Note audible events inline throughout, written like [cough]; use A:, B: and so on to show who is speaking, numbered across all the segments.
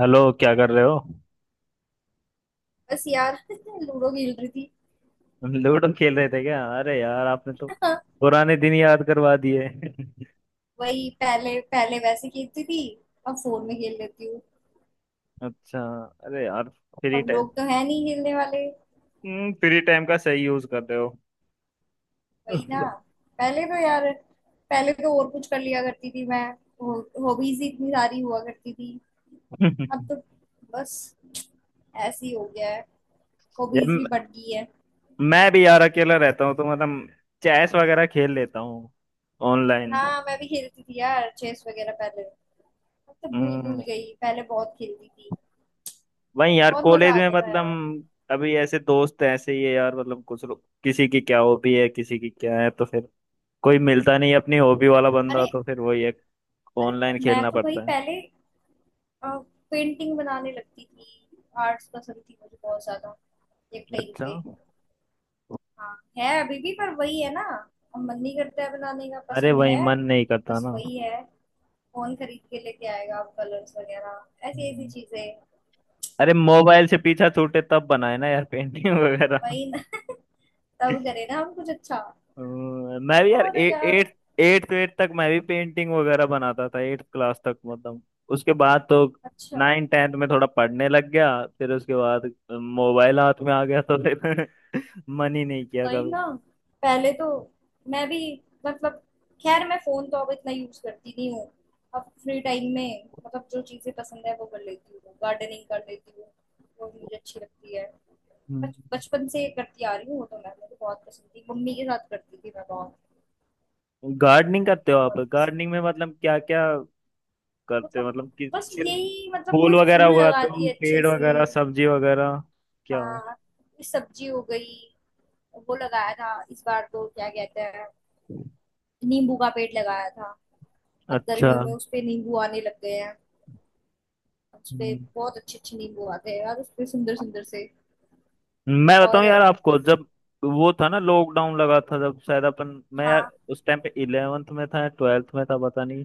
A: Hello, क्या कर रहे हो?
B: बस यार। [laughs] लूडो खेल रही थी।
A: लूडो खेल रहे थे क्या? अरे यार, आपने तो
B: [laughs]
A: पुराने दिन याद करवा दिए। [laughs]
B: वही पहले पहले वैसे खेलती थी। अब फोन में खेल लेती हूँ।
A: अच्छा। अरे यार, फ्री
B: अब
A: टाइम।
B: लोग तो है नहीं खेलने वाले।
A: फ्री टाइम का सही यूज कर रहे हो।
B: वही ना।
A: [laughs]
B: पहले तो यार, पहले तो और कुछ कर लिया करती थी मैं। हॉबीज ही इतनी सारी हुआ करती थी। अब तो बस ऐसे ही हो गया है।
A: यार,
B: हॉबीज भी बढ़ गई है।
A: मैं भी यार अकेला रहता हूँ तो मतलब चेस वगैरह खेल लेता हूँ ऑनलाइन।
B: हाँ, मैं भी खेलती थी यार चेस वगैरह पहले। अब तो भूल भूल
A: हम्म।
B: गई, पहले बहुत खेलती थी।
A: वही यार,
B: बहुत मजा
A: कॉलेज में
B: आता था यार।
A: मतलब अभी ऐसे दोस्त ऐसे ही है यार, मतलब कुछ लोग किसी की क्या हॉबी है, किसी की क्या है, तो फिर कोई मिलता नहीं है अपनी हॉबी वाला बंदा,
B: अरे,
A: तो फिर वही है, ऑनलाइन
B: मैं
A: खेलना
B: तो भाई
A: पड़ता है।
B: पहले पेंटिंग बनाने लगती थी। आर्ट्स पसंद थी मुझे बहुत ज्यादा, एक टाइम
A: अच्छा।
B: पे। हाँ, है अभी भी पर वही है ना, अब मन नहीं करता है बनाने का,
A: अरे,
B: पसंद
A: वही
B: है।
A: मन नहीं करता
B: बस
A: ना।
B: वही है। फोन खरीद के लेके आएगा अब कलर्स वगैरह ऐसी ऐसी
A: हम्म।
B: चीजें।
A: अरे, मोबाइल से पीछा छूटे तब बनाए ना यार पेंटिंग वगैरह।
B: वही ना। [laughs] तब करे ना हम कुछ अच्छा।
A: मैं भी यार
B: और यार
A: एट एट तो 8 तक मैं भी पेंटिंग वगैरह बनाता था 8 क्लास तक मतलब। उसके बाद तो
B: अच्छा,
A: 9-10 में थोड़ा पढ़ने लग गया। फिर उसके बाद मोबाइल हाथ में आ गया तो फिर [laughs] मन ही नहीं किया
B: वही
A: कभी।
B: ना। पहले तो मैं भी, मतलब, खैर मैं फोन तो अब इतना यूज करती नहीं हूँ। अब फ्री टाइम में मतलब जो चीजें पसंद है वो कर लेती हूँ, गार्डनिंग कर लेती हूँ। वो मुझे अच्छी लगती है।
A: हम्म।
B: बचपन से करती आ रही हूँ, वो तो मैं, मुझे बहुत पसंद थी, मम्मी के साथ करती थी मैं बहुत।
A: गार्डनिंग करते हो आप?
B: बहुत
A: गार्डनिंग में
B: पसंद।
A: मतलब क्या क्या करते हो?
B: मतलब
A: मतलब कि
B: बस
A: सिर्फ
B: यही, मतलब कोई
A: फूल वगैरह
B: फूल
A: हुआ,
B: लगा
A: तुम
B: दिए अच्छे
A: पेड़
B: से।
A: वगैरह, सब्जी वगैरह, क्या?
B: हाँ, कोई सब्जी हो गई। वो लगाया था इस बार, तो क्या कहते हैं, नींबू का पेड़ लगाया था। अब
A: अच्छा।
B: गर्मियों में उस पे नींबू आने लग गए हैं। उस पे
A: हम्म,
B: बहुत अच्छे अच्छे नींबू आते हैं यार, उस पे सुंदर सुंदर से।
A: मैं
B: और
A: बताऊं यार आपको, जब वो था ना लॉकडाउन लगा था जब शायद अपन। मैं यार
B: हाँ।
A: उस टाइम पे 11th में था या 12th में था पता नहीं।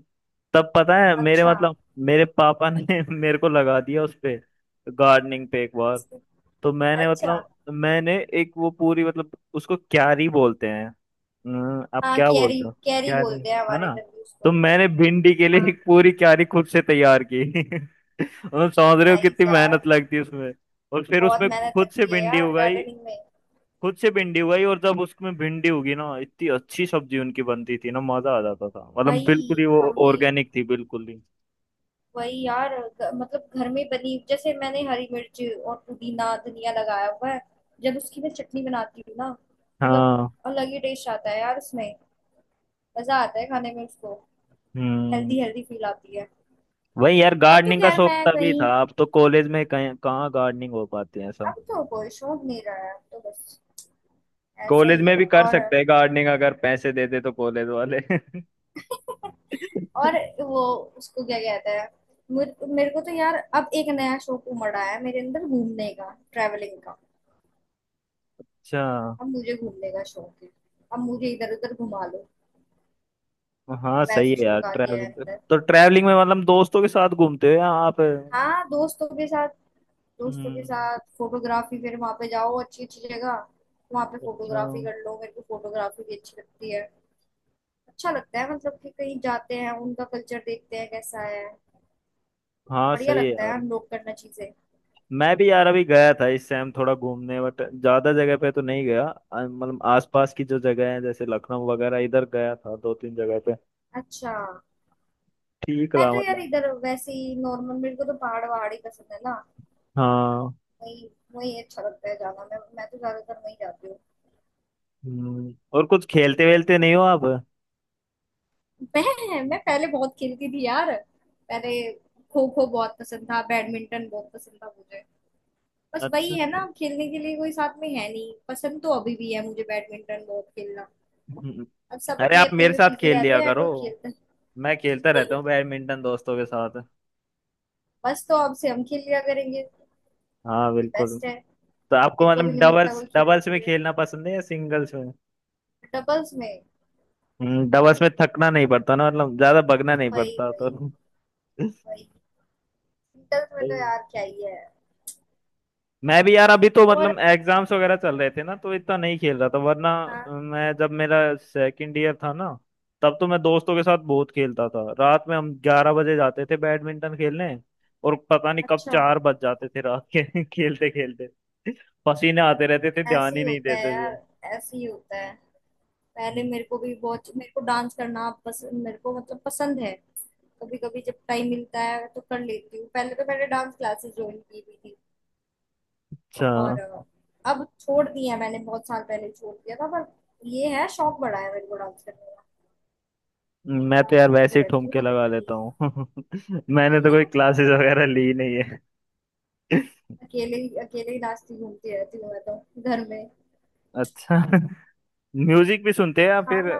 A: तब पता है, मेरे
B: अच्छा।
A: मतलब मेरे पापा ने [laughs] मेरे को लगा दिया उस पे, गार्डनिंग पे, एक बार।
B: इस-
A: तो मैंने
B: अच्छा।
A: मतलब मैंने एक वो पूरी, मतलब उसको क्यारी बोलते हैं। आप
B: हाँ,
A: क्या
B: कैरी
A: बोलते हो?
B: कैरी
A: क्यारी,
B: बोलते हैं
A: है
B: हमारे
A: ना?
B: इधर भी
A: तो
B: उसको।
A: मैंने भिंडी के लिए
B: हाँ।
A: एक पूरी क्यारी खुद से तैयार की। [laughs] मतलब समझ रहे हो
B: नाइस
A: कितनी
B: यार।
A: मेहनत लगती है उसमें। और फिर
B: बहुत
A: उसमें
B: मेहनत
A: खुद से
B: लगती है
A: भिंडी
B: यार
A: उगाई,
B: गार्डनिंग में।
A: खुद से भिंडी उगाई, और जब उसमें भिंडी उगी ना, इतनी अच्छी सब्जी उनकी
B: हम्म,
A: बनती थी ना, मजा आ जाता था, मतलब बिल्कुल ही
B: वही
A: वो
B: हम भी।
A: ऑर्गेनिक थी, बिल्कुल ही।
B: वही यार, मतलब घर में बनी, जैसे मैंने हरी मिर्च और पुदीना धनिया लगाया हुआ है। जब उसकी मैं चटनी बनाती हूँ ना, मतलब
A: हाँ।
B: अलग ही टेस्ट आता है यार उसमें। मजा आता है खाने में उसको।
A: हम्म।
B: हेल्दी हेल्दी फील आती है।
A: वही यार,
B: अब तो
A: गार्डनिंग का
B: खैर
A: शौक
B: मैं
A: तभी
B: कहीं,
A: था, अब तो कॉलेज में कहीं कहाँ गार्डनिंग हो पाती है ऐसा।
B: अब तो कोई शौक नहीं रहा है, अब तो बस ऐसा
A: कॉलेज
B: ही
A: में
B: है।
A: भी कर
B: और
A: सकते हैं गार्डनिंग, अगर पैसे दे दे तो कॉलेज वाले। [laughs]
B: [laughs]
A: अच्छा।
B: और वो उसको क्या कहते हैं, मेरे को तो यार अब एक नया शौक उमड़ा है मेरे अंदर, घूमने का, ट्रैवलिंग का। अब मुझे घूमने का शौक है। अब मुझे इधर उधर घुमा लो।
A: हाँ,
B: अब
A: सही
B: ऐसा
A: है यार
B: शौक आ गया है
A: ट्रैवलिंग।
B: अंदर।
A: तो ट्रैवलिंग में मतलब दोस्तों के साथ घूमते हो या आप?
B: हाँ, दोस्तों के साथ। दोस्तों के
A: हम्म।
B: साथ फोटोग्राफी, फिर वहां पे जाओ अच्छी अच्छी जगह, वहां पे
A: अच्छा।
B: फोटोग्राफी कर लो। मेरे को फोटोग्राफी भी अच्छी लगती है। अच्छा लगता है मतलब कि कहीं जाते हैं उनका कल्चर देखते हैं कैसा है।
A: हाँ,
B: बढ़िया
A: सही है
B: लगता है
A: यार।
B: अनलॉक करना चीजें।
A: मैं भी यार अभी गया था इस टाइम थोड़ा घूमने, बट ज्यादा जगह पे तो नहीं गया। मतलब आसपास की जो जगह है जैसे लखनऊ वगैरह इधर गया था दो तीन जगह पे।
B: अच्छा।
A: ठीक
B: मैं
A: रहा
B: तो यार
A: मतलब।
B: इधर वैसे ही नॉर्मल, मेरे को तो पहाड़ वहाड़ ही पसंद है ना।
A: हाँ।
B: वही, वही अच्छा लगता है जाना, मैं तो ज्यादातर वही जाती हूँ।
A: और कुछ खेलते
B: तो
A: वेलते नहीं हो आप?
B: मैं पहले बहुत खेलती थी यार। पहले खो खो बहुत पसंद था, बैडमिंटन बहुत पसंद था मुझे। बस वही
A: अच्छा।
B: है ना, खेलने के लिए कोई साथ में है नहीं, पसंद तो अभी भी है मुझे बैडमिंटन बहुत खेलना।
A: हम्म,
B: अब सब
A: अरे,
B: अपने
A: आप
B: अपने
A: मेरे
B: में
A: साथ
B: बिजी
A: खेल लिया
B: रहते हैं,
A: करो।
B: कोई खेलता
A: मैं खेलता रहता
B: नहीं।
A: हूँ बैडमिंटन दोस्तों के साथ।
B: बस तो अब से हम खेल लिया करेंगे।
A: हाँ
B: ये
A: बिल्कुल।
B: बेस्ट है।
A: तो आपको
B: मेरे को
A: मतलब
B: भी नहीं मिलता
A: डबल्स
B: कोई खेलने
A: डबल्स
B: के
A: में
B: लिए।
A: खेलना पसंद है या सिंगल्स में?
B: डबल्स में।
A: डबल्स में थकना नहीं पड़ता ना, मतलब ज्यादा भगना नहीं
B: वही
A: पड़ता
B: वही।
A: तो। [laughs]
B: वही सिंगल्स में तो
A: सही।
B: यार क्या ही है।
A: मैं भी यार अभी तो
B: और
A: मतलब एग्जाम्स वगैरह चल रहे थे ना, तो इतना नहीं खेल रहा था वरना।
B: हाँ।
A: मैं जब मेरा 2nd year था ना, तब तो मैं दोस्तों के साथ बहुत खेलता था, रात में हम 11 बजे जाते थे बैडमिंटन खेलने। और पता नहीं कब
B: अच्छा।
A: 4 बज जाते थे रात के। [laughs] खेलते खेलते पसीने आते रहते थे,
B: ऐसे
A: ध्यान
B: ही
A: ही नहीं
B: होता है
A: देते
B: यार,
A: थे।
B: ऐसे ही होता है। पहले मेरे को भी बहुत, मेरे को डांस करना पसंद, मेरे को मतलब पसंद है। कभी कभी जब टाइम मिलता है तो कर लेती हूँ, पहले तो मैंने डांस क्लासेस ज्वाइन की हुई थी।
A: अच्छा।
B: और अब छोड़ दिया मैंने, बहुत साल पहले छोड़ दिया था, पर ये है शौक बढ़ा है मेरे को डांस करने का।
A: मैं तो
B: डांस
A: यार
B: करती
A: वैसे ही
B: रहती
A: ठुमके
B: हूँ।
A: लगा लेता हूँ। [laughs] मैंने तो कोई क्लासेस वगैरह ली नहीं है। [laughs]
B: अकेले ही नाचती घूमती रहती हूँ मैं तो, घर में।
A: अच्छा। म्यूजिक भी सुनते हैं या फिर
B: खाना,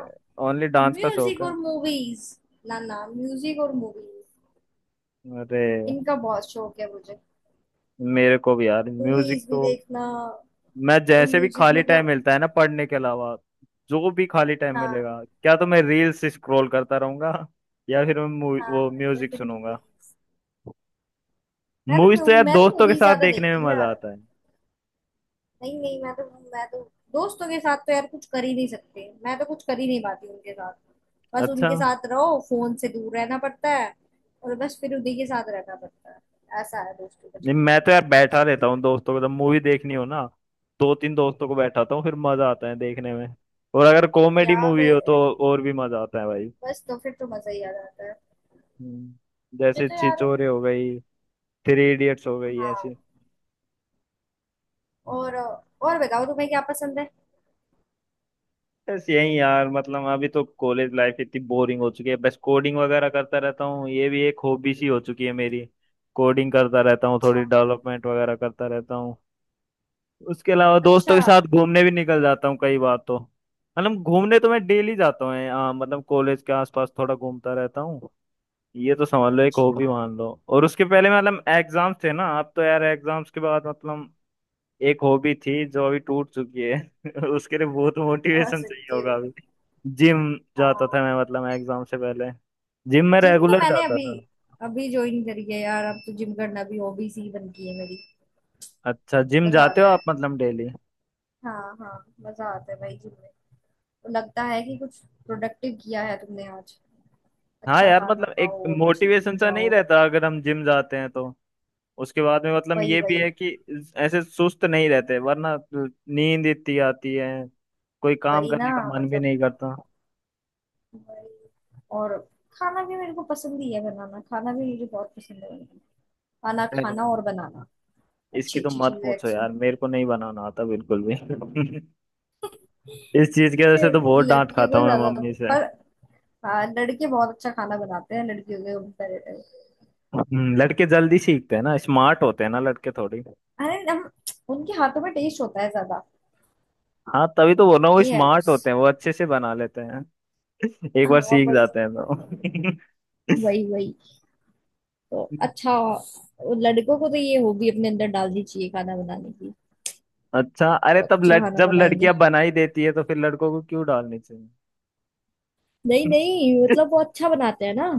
A: ओनली डांस का शौक?
B: म्यूजिक और मूवीज। ना ना, म्यूजिक और मूवीज,
A: अरे,
B: इनका बहुत शौक है मुझे।
A: मेरे को भी यार म्यूजिक
B: मूवीज भी
A: तो।
B: देखना
A: मैं
B: और
A: जैसे भी
B: म्यूजिक
A: खाली टाइम
B: मतलब।
A: मिलता है ना पढ़ने के अलावा, जो भी खाली टाइम
B: हाँ।
A: मिलेगा क्या, तो मैं रील्स स्क्रॉल करता रहूंगा, या फिर मैं
B: हाँ,
A: वो
B: या
A: म्यूजिक
B: फिर
A: सुनूंगा।
B: मूवीज। मैं
A: मूवीज तो
B: तो
A: यार
B: मैं तो
A: दोस्तों के
B: मूवीज
A: साथ
B: ज्यादा
A: देखने
B: देखती
A: में
B: हूँ
A: मजा
B: यार।
A: आता है।
B: नहीं नहीं, मैं तो, मैं तो दोस्तों के साथ तो यार कुछ कर ही नहीं सकते, मैं तो कुछ कर ही नहीं पाती उनके साथ। बस
A: अच्छा।
B: उनके साथ रहो, फोन से दूर रहना पड़ता है और बस फिर उन्हीं के साथ रहना पड़ता है। ऐसा है दोस्तों का
A: नहीं,
B: चक्कर
A: मैं
B: तो।
A: तो यार बैठा रहता हूँ दोस्तों को, जब मूवी देखनी हो ना दो तीन दोस्तों को बैठाता हूँ, फिर मजा आता है देखने में। और अगर कॉमेडी
B: यहाँ
A: मूवी
B: पे
A: हो तो और भी मजा आता है भाई।
B: बस तो फिर तो मजा ही आ जाता है।
A: हम्म,
B: मुझे
A: जैसे
B: तो यार।
A: छिछोरे हो गई, 3 Idiots हो गई
B: हाँ।
A: ऐसी।
B: और बताओ, तुम्हें क्या पसंद है।
A: बस यही यार, मतलब अभी तो कॉलेज लाइफ इतनी बोरिंग हो चुकी है, बस कोडिंग वगैरह करता रहता हूँ, ये भी एक हॉबी सी हो चुकी है मेरी। कोडिंग करता रहता हूँ, थोड़ी
B: अच्छा।
A: डेवलपमेंट वगैरह करता रहता हूँ। उसके अलावा दोस्तों
B: अच्छा।
A: के साथ घूमने भी निकल जाता हूँ कई बार तो। मतलब घूमने तो मैं डेली जाता हूँ, हाँ, मतलब कॉलेज के आसपास थोड़ा घूमता रहता हूँ। ये तो समझ लो एक हॉबी
B: अच्छा।
A: मान लो, और उसके पहले मतलब एग्जाम्स थे ना, अब तो यार एग्जाम्स के बाद मतलब एक हॉबी थी
B: हम्म,
A: जो अभी टूट चुकी है। [laughs] उसके लिए बहुत
B: समझ
A: मोटिवेशन चाहिए
B: सकती
A: होगा
B: हूँ।
A: अभी। जिम जाता
B: हाँ।
A: था मैं, मतलब मैं एग्जाम से पहले जिम में
B: जिम तो
A: रेगुलर
B: मैंने
A: जाता
B: अभी,
A: था।
B: अभी ज्वाइन करी है यार, अब तो जिम करना भी हॉबीज ही बन गई है मेरी।
A: अच्छा? जिम
B: मजा
A: जाते हो
B: आता है।
A: आप मतलब डेली?
B: हाँ हाँ, मजा आता है भाई जिम में। तो लगता है कि कुछ प्रोडक्टिव किया है तुमने आज।
A: हाँ
B: अच्छा
A: यार,
B: खाना
A: मतलब एक
B: खाओ, अच्छी जिम
A: मोटिवेशन सा नहीं
B: जाओ।
A: रहता अगर हम जिम जाते हैं तो, उसके बाद में मतलब
B: वही
A: ये भी
B: वही।
A: है कि ऐसे सुस्त नहीं रहते, वरना नींद इतनी आती है, कोई काम
B: वही ना,
A: करने का मन भी
B: मतलब,
A: नहीं करता।
B: वही। और खाना भी मेरे को पसंद ही है बनाना, खाना भी मुझे बहुत पसंद है बनाना, खाना
A: अरे,
B: खाना और बनाना,
A: इसकी
B: अच्छी
A: तो
B: अच्छी
A: मत
B: चीजें
A: पूछो
B: actually।
A: यार, मेरे को नहीं बनाना आता बिल्कुल भी। [laughs] इस चीज की वजह
B: अरे,
A: से तो बहुत डांट
B: लड़कियों
A: खाता
B: को
A: हूँ मैं
B: ज्यादा,
A: मम्मी से।
B: पर हाँ लड़के बहुत अच्छा खाना बनाते हैं लड़कियों के कंपेरेटिव।
A: लड़के जल्दी सीखते हैं ना, स्मार्ट होते हैं ना लड़के थोड़ी।
B: अरे हम। उनके हाथों में टेस्ट होता है ज्यादा।
A: हाँ, तभी तो बोल रहा हूँ वो
B: ये है
A: स्मार्ट
B: बस।
A: होते हैं, वो अच्छे से बना लेते हैं, एक बार
B: हाँ
A: सीख
B: वही।
A: जाते हैं तो।
B: वही वही। तो अच्छा, लड़कों को तो ये हॉबी अपने अंदर डालनी चाहिए खाना बनाने की।
A: [laughs] अच्छा। अरे,
B: बहुत
A: तब
B: अच्छा खाना
A: जब
B: बनाएंगे।
A: लड़कियां बना ही देती है तो फिर लड़कों को क्यों डालनी चाहिए?
B: नहीं नहीं, मतलब वो अच्छा बनाते हैं ना,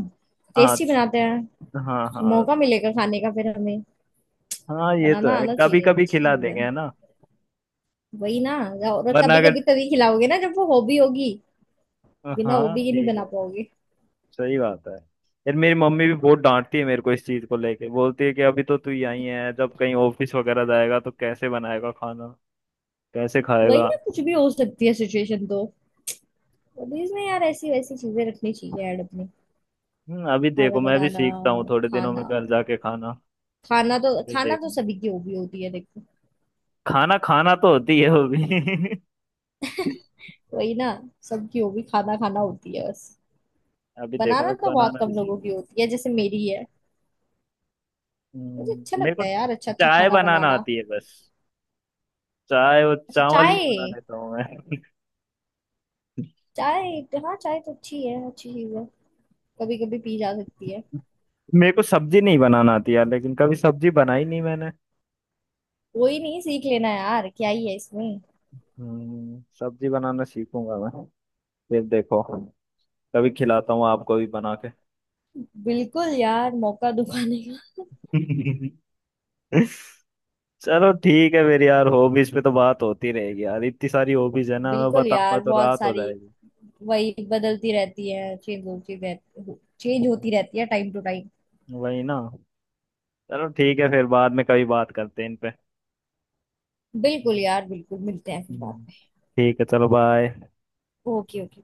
A: [laughs] हाँ,
B: टेस्टी बनाते हैं।
A: हाँ, हाँ,
B: मौका मिलेगा खाने का फिर हमें।
A: हाँ, ये तो
B: बनाना
A: है,
B: आना
A: कभी
B: चाहिए,
A: कभी
B: अच्छी
A: खिला
B: चीज
A: देंगे,
B: है।
A: है ना।
B: वही ना। और
A: वरना
B: कभी
A: अगर।
B: कभी तभी खिलाओगे ना जब वो हॉबी होगी। बिना
A: हाँ
B: हॉबी के नहीं
A: ठीक
B: बना
A: है,
B: पाओगे।
A: सही बात है। यार, मेरी मम्मी भी बहुत डांटती है मेरे को इस चीज को लेके, बोलती है कि अभी तो तू यहीं है, जब कहीं ऑफिस वगैरह जाएगा तो कैसे बनाएगा खाना, कैसे
B: वही
A: खाएगा?
B: ना, कुछ भी हो सकती है सिचुएशन तो। हॉबीज में यार ऐसी वैसी चीजें रखनी चाहिए ऐड अपने।
A: अभी
B: खाना
A: देखो मैं भी
B: बनाना,
A: सीखता हूँ थोड़े दिनों
B: खाना।
A: में घर जाके खाना फिर
B: खाना तो
A: देखूँ।
B: सभी की हॉबी होती है देखो।
A: खाना खाना तो होती है वो भी। [laughs]
B: वही ना, सबकी हॉबी खाना खाना होती है बस।
A: अभी देखो
B: बनाना
A: मैं
B: तो बहुत
A: बनाना भी
B: कम
A: सीख।
B: लोगों की होती है, जैसे मेरी है। मुझे अच्छा
A: मेरे को
B: लगता है यार अच्छा अच्छा
A: चाय
B: खाना
A: बनाना
B: बनाना।
A: आती है बस। चाय और
B: अच्छा।
A: चावल भी
B: चाय।
A: बना लेता हूँ मैं।
B: चाय। हाँ चाय तो अच्छी है, अच्छी चीज है। कभी कभी पी जा सकती है।
A: [laughs] मेरे को सब्जी नहीं बनाना आती यार, लेकिन कभी सब्जी बनाई नहीं मैंने।
B: कोई नहीं, सीख लेना यार, क्या ही है इसमें।
A: सब्जी बनाना सीखूंगा मैं, फिर देखो। कभी खिलाता हूँ आपको भी बना के।
B: बिल्कुल यार, मौका [laughs] दुखाने का।
A: [laughs] चलो ठीक है, मेरी यार हॉबीज पे तो बात होती रहेगी यार, इतनी सारी हॉबीज है ना, मैं
B: बिल्कुल
A: बताऊंगा
B: यार,
A: तो
B: बहुत
A: रात हो
B: सारी।
A: जाएगी।
B: वही बदलती रहती है, चेंज होती रहती, चेंज होती रहती है टाइम टू टाइम।
A: वही ना। चलो ठीक है, फिर बाद में कभी बात करते हैं इन पे।
B: बिल्कुल यार, बिल्कुल, मिलते हैं फिर बाद
A: हम्म।
B: में।
A: ठीक है, चलो बाय।
B: Okay okay.